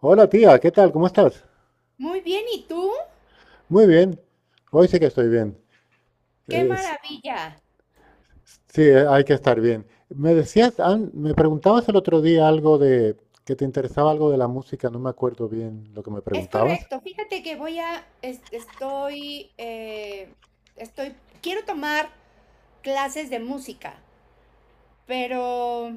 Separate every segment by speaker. Speaker 1: Hola tía, ¿qué tal? ¿Cómo estás?
Speaker 2: Muy bien, ¿y tú?
Speaker 1: Muy bien. Hoy sí que estoy bien.
Speaker 2: ¡Qué
Speaker 1: Eh, s-
Speaker 2: maravilla!
Speaker 1: sí, hay que estar bien. Me preguntabas el otro día algo de que te interesaba algo de la música, no me acuerdo bien lo que me
Speaker 2: Es
Speaker 1: preguntabas.
Speaker 2: correcto. Fíjate que voy a, estoy, estoy, quiero tomar clases de música, pero,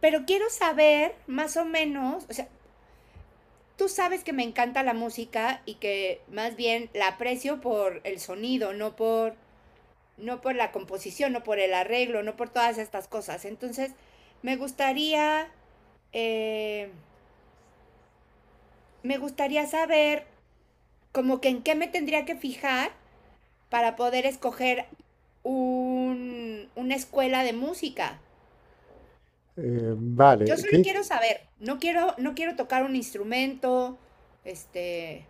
Speaker 2: pero quiero saber más o menos, o sea, tú sabes que me encanta la música y que más bien la aprecio por el sonido, no por la composición, no por el arreglo, no por todas estas cosas. Entonces, me gustaría eh, me gustaría saber como que en qué me tendría que fijar para poder escoger una escuela de música. Yo
Speaker 1: Vale,
Speaker 2: solo quiero saber, no quiero tocar un instrumento, este,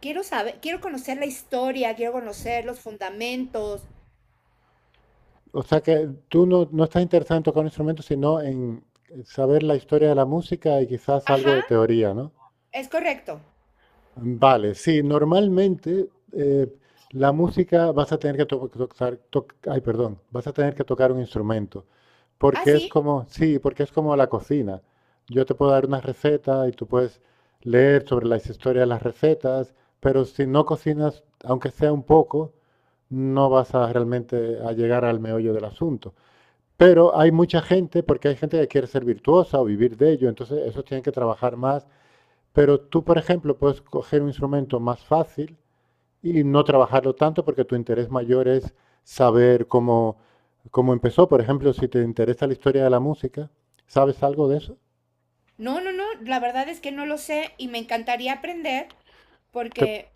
Speaker 2: quiero saber, quiero conocer la historia, quiero conocer los fundamentos.
Speaker 1: o sea que tú no, no estás interesado en tocar un instrumento, sino en saber la historia de la música y quizás algo
Speaker 2: Ajá,
Speaker 1: de teoría, ¿no?
Speaker 2: es correcto.
Speaker 1: Vale, sí, normalmente la música vas a tener que to- tocar, toc- ay, perdón, vas a tener que tocar un instrumento,
Speaker 2: Ah,
Speaker 1: porque es
Speaker 2: sí.
Speaker 1: como, sí, porque es como la cocina. Yo te puedo dar una receta y tú puedes leer sobre la historia de las recetas, pero si no cocinas, aunque sea un poco, no vas a realmente a llegar al meollo del asunto. Pero hay mucha gente, porque hay gente que quiere ser virtuosa o vivir de ello, entonces eso tienen que trabajar más, pero tú, por ejemplo, puedes coger un instrumento más fácil y no trabajarlo tanto porque tu interés mayor es saber cómo, cómo empezó. Por ejemplo, si te interesa la historia de la música, ¿sabes algo de eso?
Speaker 2: No, no, no, la verdad es que no lo sé y me encantaría aprender
Speaker 1: Te-
Speaker 2: porque,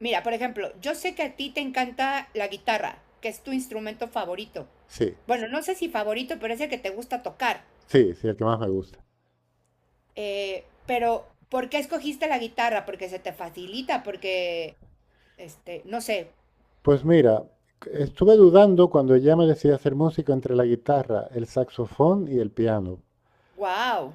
Speaker 2: mira, por ejemplo, yo sé que a ti te encanta la guitarra, que es tu instrumento favorito.
Speaker 1: sí,
Speaker 2: Bueno, no sé si favorito, pero es el que te gusta tocar.
Speaker 1: sí, sí, el que más me gusta.
Speaker 2: Pero, ¿por qué escogiste la guitarra? Porque se te facilita, porque, este, no sé,
Speaker 1: Pues mira, estuve dudando cuando ya me decidí a hacer música entre la guitarra, el saxofón y el piano.
Speaker 2: wow.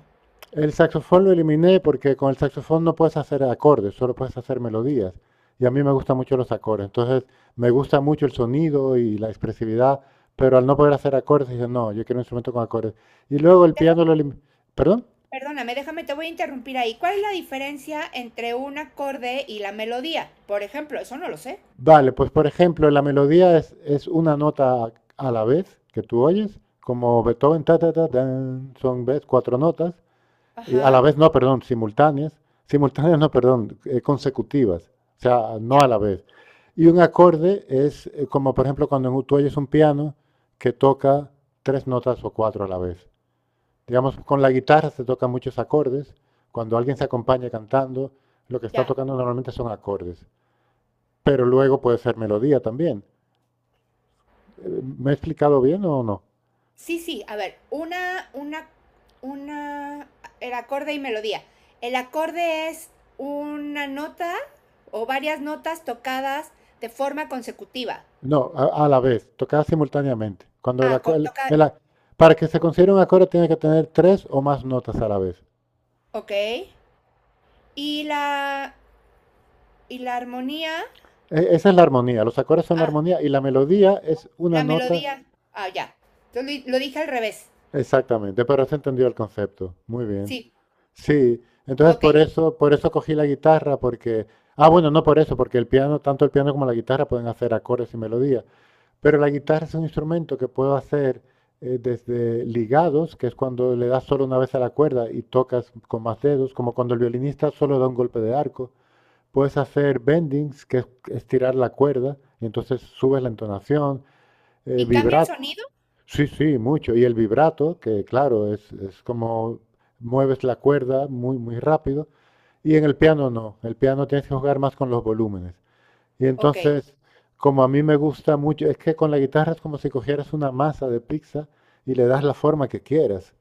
Speaker 1: El saxofón lo eliminé porque con el saxofón no puedes hacer acordes, solo puedes hacer melodías. Y a mí me gustan mucho los acordes. Entonces, me gusta mucho el sonido y la expresividad, pero al no poder hacer acordes, dije, no, yo quiero un instrumento con acordes. Y luego el piano lo eliminé. ¿Perdón?
Speaker 2: Perdóname, déjame, te voy a interrumpir ahí. ¿Cuál es la diferencia entre un acorde y la melodía? Por ejemplo, eso no lo sé.
Speaker 1: Vale, pues por ejemplo, la melodía es una nota a la vez que tú oyes, como Beethoven, ta, ta, ta, tan, son ves, cuatro notas. Y a la
Speaker 2: Ajá,
Speaker 1: vez, no, perdón, simultáneas. Simultáneas, no, perdón, consecutivas. O sea, no
Speaker 2: ya,
Speaker 1: a la vez. Y un acorde es como, por ejemplo, cuando tú oyes un piano que toca tres notas o cuatro a la vez. Digamos, con la guitarra se tocan muchos acordes. Cuando alguien se acompaña cantando, lo que está
Speaker 2: ya.
Speaker 1: tocando normalmente son acordes. Pero luego puede ser melodía también. ¿Me he explicado bien o no?
Speaker 2: Sí, sí, a ver, una, el acorde y melodía. El acorde es una nota o varias notas tocadas de forma consecutiva.
Speaker 1: No, a la vez, tocar simultáneamente. Cuando el aco-
Speaker 2: Toca,
Speaker 1: el a- Para que se considere un acorde tiene que tener tres o más notas a la vez.
Speaker 2: ok. Y la, y la armonía,
Speaker 1: Esa es la armonía, los acordes son la
Speaker 2: ah,
Speaker 1: armonía y la melodía es una
Speaker 2: la
Speaker 1: nota.
Speaker 2: melodía, ah, ya. Lo dije al revés,
Speaker 1: Exactamente, pero se entendió el concepto. Muy bien.
Speaker 2: sí,
Speaker 1: Sí, entonces
Speaker 2: ok.
Speaker 1: por eso cogí la guitarra, porque, ah, bueno, no por eso, porque el piano, tanto el piano como la guitarra pueden hacer acordes y melodía. Pero la guitarra es un instrumento que puedo hacer desde ligados, que es cuando le das solo una vez a la cuerda y tocas con más dedos, como cuando el violinista solo da un golpe de arco. Puedes hacer bendings, que es estirar la cuerda, y entonces subes la entonación.
Speaker 2: ¿Y cambia el
Speaker 1: Vibrato,
Speaker 2: sonido?
Speaker 1: sí, sí, mucho. Y el vibrato, que claro, es como mueves la cuerda muy, muy rápido. Y en el piano no, el piano tienes que jugar más con los volúmenes. Y
Speaker 2: Ok.
Speaker 1: entonces, como a mí me gusta mucho, es que con la guitarra es como si cogieras una masa de pizza y le das la forma que quieras.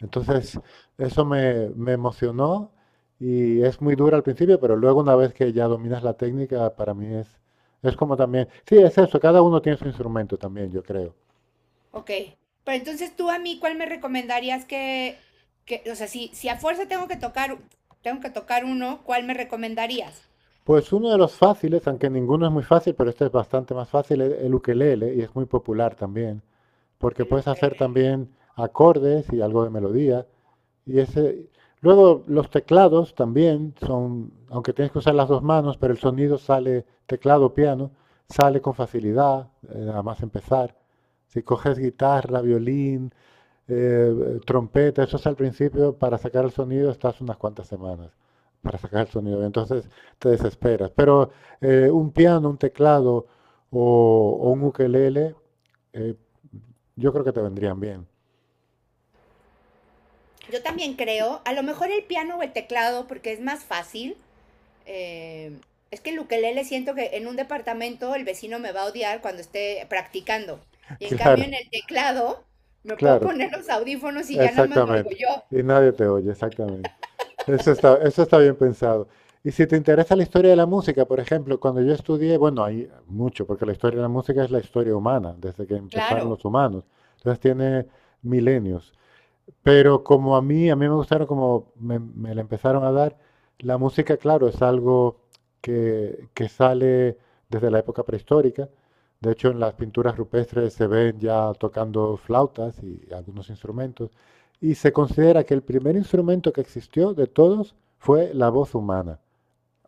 Speaker 1: Entonces, eso me, me emocionó y es muy dura al principio, pero luego una vez que ya dominas la técnica, para mí es como también... Sí, es eso, cada uno tiene su instrumento también, yo creo.
Speaker 2: Ok. Pero entonces tú a mí, ¿cuál me recomendarías que o sea, si a fuerza tengo que tocar uno, ¿cuál me recomendarías?
Speaker 1: Pues uno de los fáciles, aunque ninguno es muy fácil, pero este es bastante más fácil, es el ukelele y es muy popular también, porque
Speaker 2: El
Speaker 1: puedes hacer
Speaker 2: ukelele.
Speaker 1: también acordes y algo de melodía. Y ese, luego los teclados también son, aunque tienes que usar las dos manos, pero el sonido sale, teclado, piano, sale con facilidad, nada más empezar. Si coges guitarra, violín, trompeta, eso es al principio, para sacar el sonido estás unas cuantas semanas para sacar el sonido. Entonces te desesperas. Pero un piano, un teclado o un ukelele, eh, yo creo que te vendrían bien.
Speaker 2: Yo también creo, a lo mejor el piano o el teclado, porque es más fácil. eh, es que el ukelele siento que en un departamento el vecino me va a odiar cuando esté practicando. Y en cambio en
Speaker 1: Claro,
Speaker 2: el teclado me puedo
Speaker 1: claro.
Speaker 2: poner los audífonos y ya nada más me oigo
Speaker 1: Exactamente.
Speaker 2: yo.
Speaker 1: Y nadie te oye, exactamente. Eso está bien pensado. Y si te interesa la historia de la música, por ejemplo, cuando yo estudié, bueno, hay mucho, porque la historia de la música es la historia humana, desde que
Speaker 2: Claro,
Speaker 1: empezaron los humanos. Entonces tiene milenios. Pero como a mí me gustaron como me la empezaron a dar, la música, claro, es algo que sale desde la época prehistórica. De hecho, en las pinturas rupestres se ven ya tocando flautas y algunos instrumentos. Y se considera que el primer instrumento que existió de todos fue la voz humana,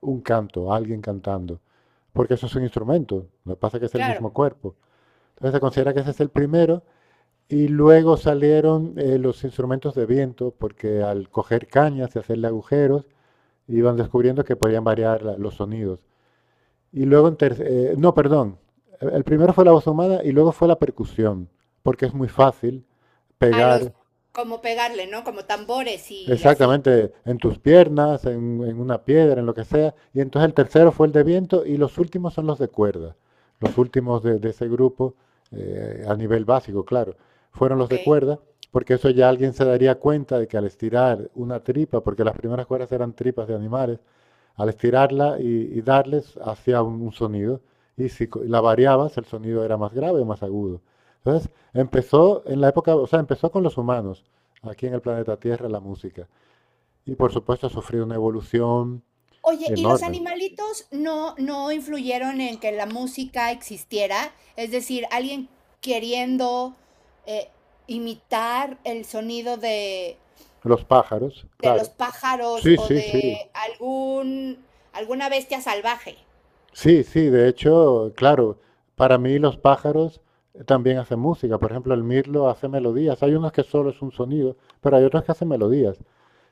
Speaker 1: un canto, alguien cantando. Porque eso es un instrumento, lo que pasa es que es el mismo
Speaker 2: claro.
Speaker 1: cuerpo. Entonces se considera que ese es el primero y luego salieron los instrumentos de viento, porque al coger cañas y hacerle agujeros, iban descubriendo que podían variar los sonidos. Y luego, en ter- no, perdón, el primero fue la voz humana y luego fue la percusión, porque es muy fácil
Speaker 2: A los,
Speaker 1: pegar.
Speaker 2: como pegarle, ¿no? Como tambores y así.
Speaker 1: Exactamente, en tus piernas, en una piedra, en lo que sea. Y entonces el tercero fue el de viento y los últimos son los de cuerda. Los últimos de ese grupo, a nivel básico, claro, fueron los de
Speaker 2: Okey.
Speaker 1: cuerda, porque eso ya alguien se daría cuenta de que al estirar una tripa, porque las primeras cuerdas eran tripas de animales, al estirarla y darles hacía un sonido. Y si co- la variabas, el sonido era más grave o más agudo. Entonces empezó en la época, o sea, empezó con los humanos aquí en el planeta Tierra la música. Y por supuesto ha sufrido una evolución
Speaker 2: Oye, ¿y los
Speaker 1: enorme.
Speaker 2: animalitos no influyeron en que la música existiera? Es decir, alguien queriendo, eh, imitar el sonido
Speaker 1: Los pájaros,
Speaker 2: de los
Speaker 1: claro.
Speaker 2: pájaros
Speaker 1: Sí,
Speaker 2: o
Speaker 1: sí,
Speaker 2: de
Speaker 1: sí.
Speaker 2: algún alguna bestia salvaje.
Speaker 1: Sí, sí, de hecho, claro, para mí los pájaros también hacen música. Por ejemplo, el mirlo hace melodías. Hay unos que solo es un sonido, pero hay otros que hacen melodías.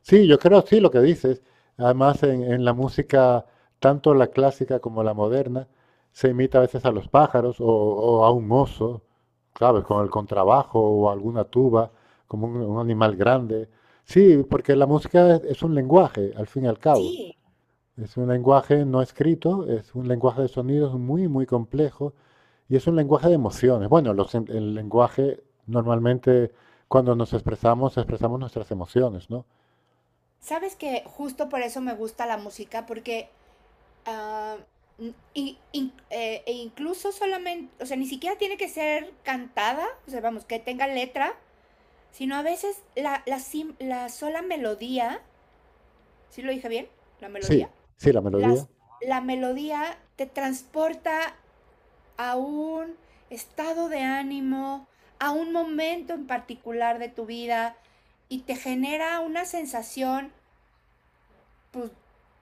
Speaker 1: Sí, yo creo, sí, lo que dices. Además, en la música, tanto la clásica como la moderna, se imita a veces a los pájaros o a un oso, ¿sabes? Con el contrabajo o alguna tuba, como un animal grande. Sí, porque la música es un lenguaje, al fin y al cabo.
Speaker 2: Sí.
Speaker 1: Es un lenguaje no escrito, es un lenguaje de sonidos muy, muy complejo y es un lenguaje de emociones. Bueno, el lenguaje normalmente cuando nos expresamos, expresamos nuestras emociones, ¿no?
Speaker 2: ¿Sabes que justo por eso me gusta la música? Porque, ah, mm, y in e incluso solamente, o sea, ni siquiera tiene que ser cantada, o sea, vamos, que tenga letra, sino a veces la sola melodía, ¿sí lo dije bien? ¿La
Speaker 1: Sí,
Speaker 2: melodía?
Speaker 1: sí, la
Speaker 2: Las,
Speaker 1: melodía,
Speaker 2: la melodía te transporta a un estado de ánimo, a un momento en particular de tu vida y te genera una sensación pues,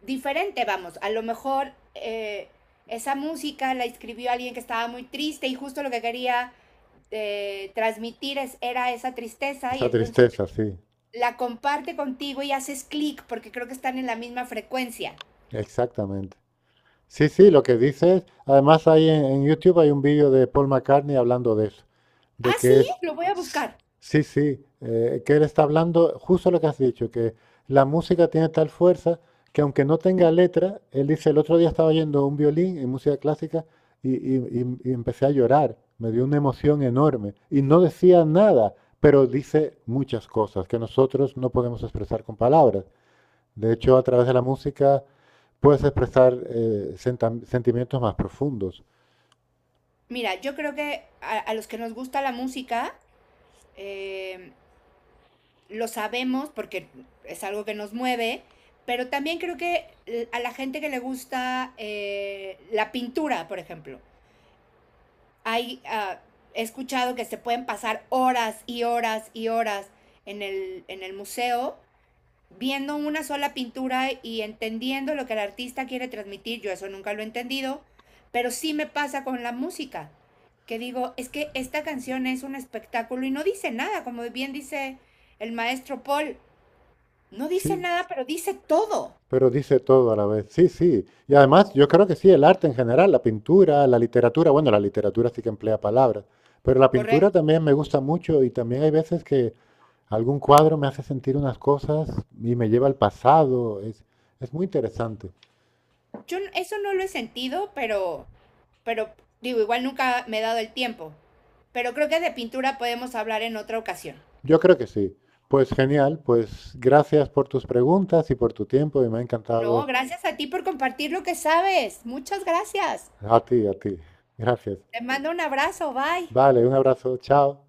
Speaker 2: diferente, vamos, a lo mejor esa música la escribió alguien que estaba muy triste y justo lo que quería era esa tristeza y
Speaker 1: esa
Speaker 2: entonces
Speaker 1: tristeza, sí,
Speaker 2: la comparte contigo y haces clic porque creo que están en la misma frecuencia.
Speaker 1: exactamente. Sí, sí, lo que dices, además hay en YouTube hay un vídeo de Paul McCartney hablando de eso. De
Speaker 2: Ah,
Speaker 1: que
Speaker 2: sí,
Speaker 1: es,
Speaker 2: lo voy a buscar.
Speaker 1: sí, sí, que él está hablando justo lo que has dicho, que la música tiene tal fuerza que aunque no tenga letra, él dice, el otro día estaba oyendo un violín en música clásica y empecé a llorar, me dio una emoción enorme y no decía nada, pero dice muchas cosas que nosotros no podemos expresar con palabras. De hecho, a través de la música puedes expresar sentimientos más profundos.
Speaker 2: Mira, yo creo que a los que nos gusta la música, eh, lo sabemos porque es algo que nos mueve, pero también creo que a la gente que le gusta la pintura, por ejemplo, hay, ah, he escuchado que se pueden pasar horas y horas y horas en en el museo viendo una sola pintura y entendiendo lo que el artista quiere transmitir, yo eso nunca lo he entendido, pero sí me pasa con la música, que digo, es que esta canción es un espectáculo y no dice nada, como bien dice el maestro Paul, no dice
Speaker 1: Sí,
Speaker 2: nada, pero dice todo,
Speaker 1: pero dice todo a la vez. Sí, sí. Y además, yo creo que sí, el arte en general, la pintura, la literatura, bueno, la literatura sí que emplea palabras, pero la pintura
Speaker 2: correcto.
Speaker 1: también me gusta mucho y también hay veces que algún cuadro me hace sentir unas cosas y me lleva al pasado. Es muy interesante.
Speaker 2: Yo eso no lo he sentido, pero digo, igual nunca me he dado el tiempo, pero creo que de pintura podemos hablar en otra ocasión.
Speaker 1: Yo creo que sí. Pues genial, pues gracias por tus preguntas y por tu tiempo y me ha
Speaker 2: No,
Speaker 1: encantado
Speaker 2: gracias a ti por compartir lo que sabes. Muchas gracias.
Speaker 1: a ti, a ti. Gracias.
Speaker 2: Te mando un abrazo, bye.
Speaker 1: Vale, un abrazo, chao.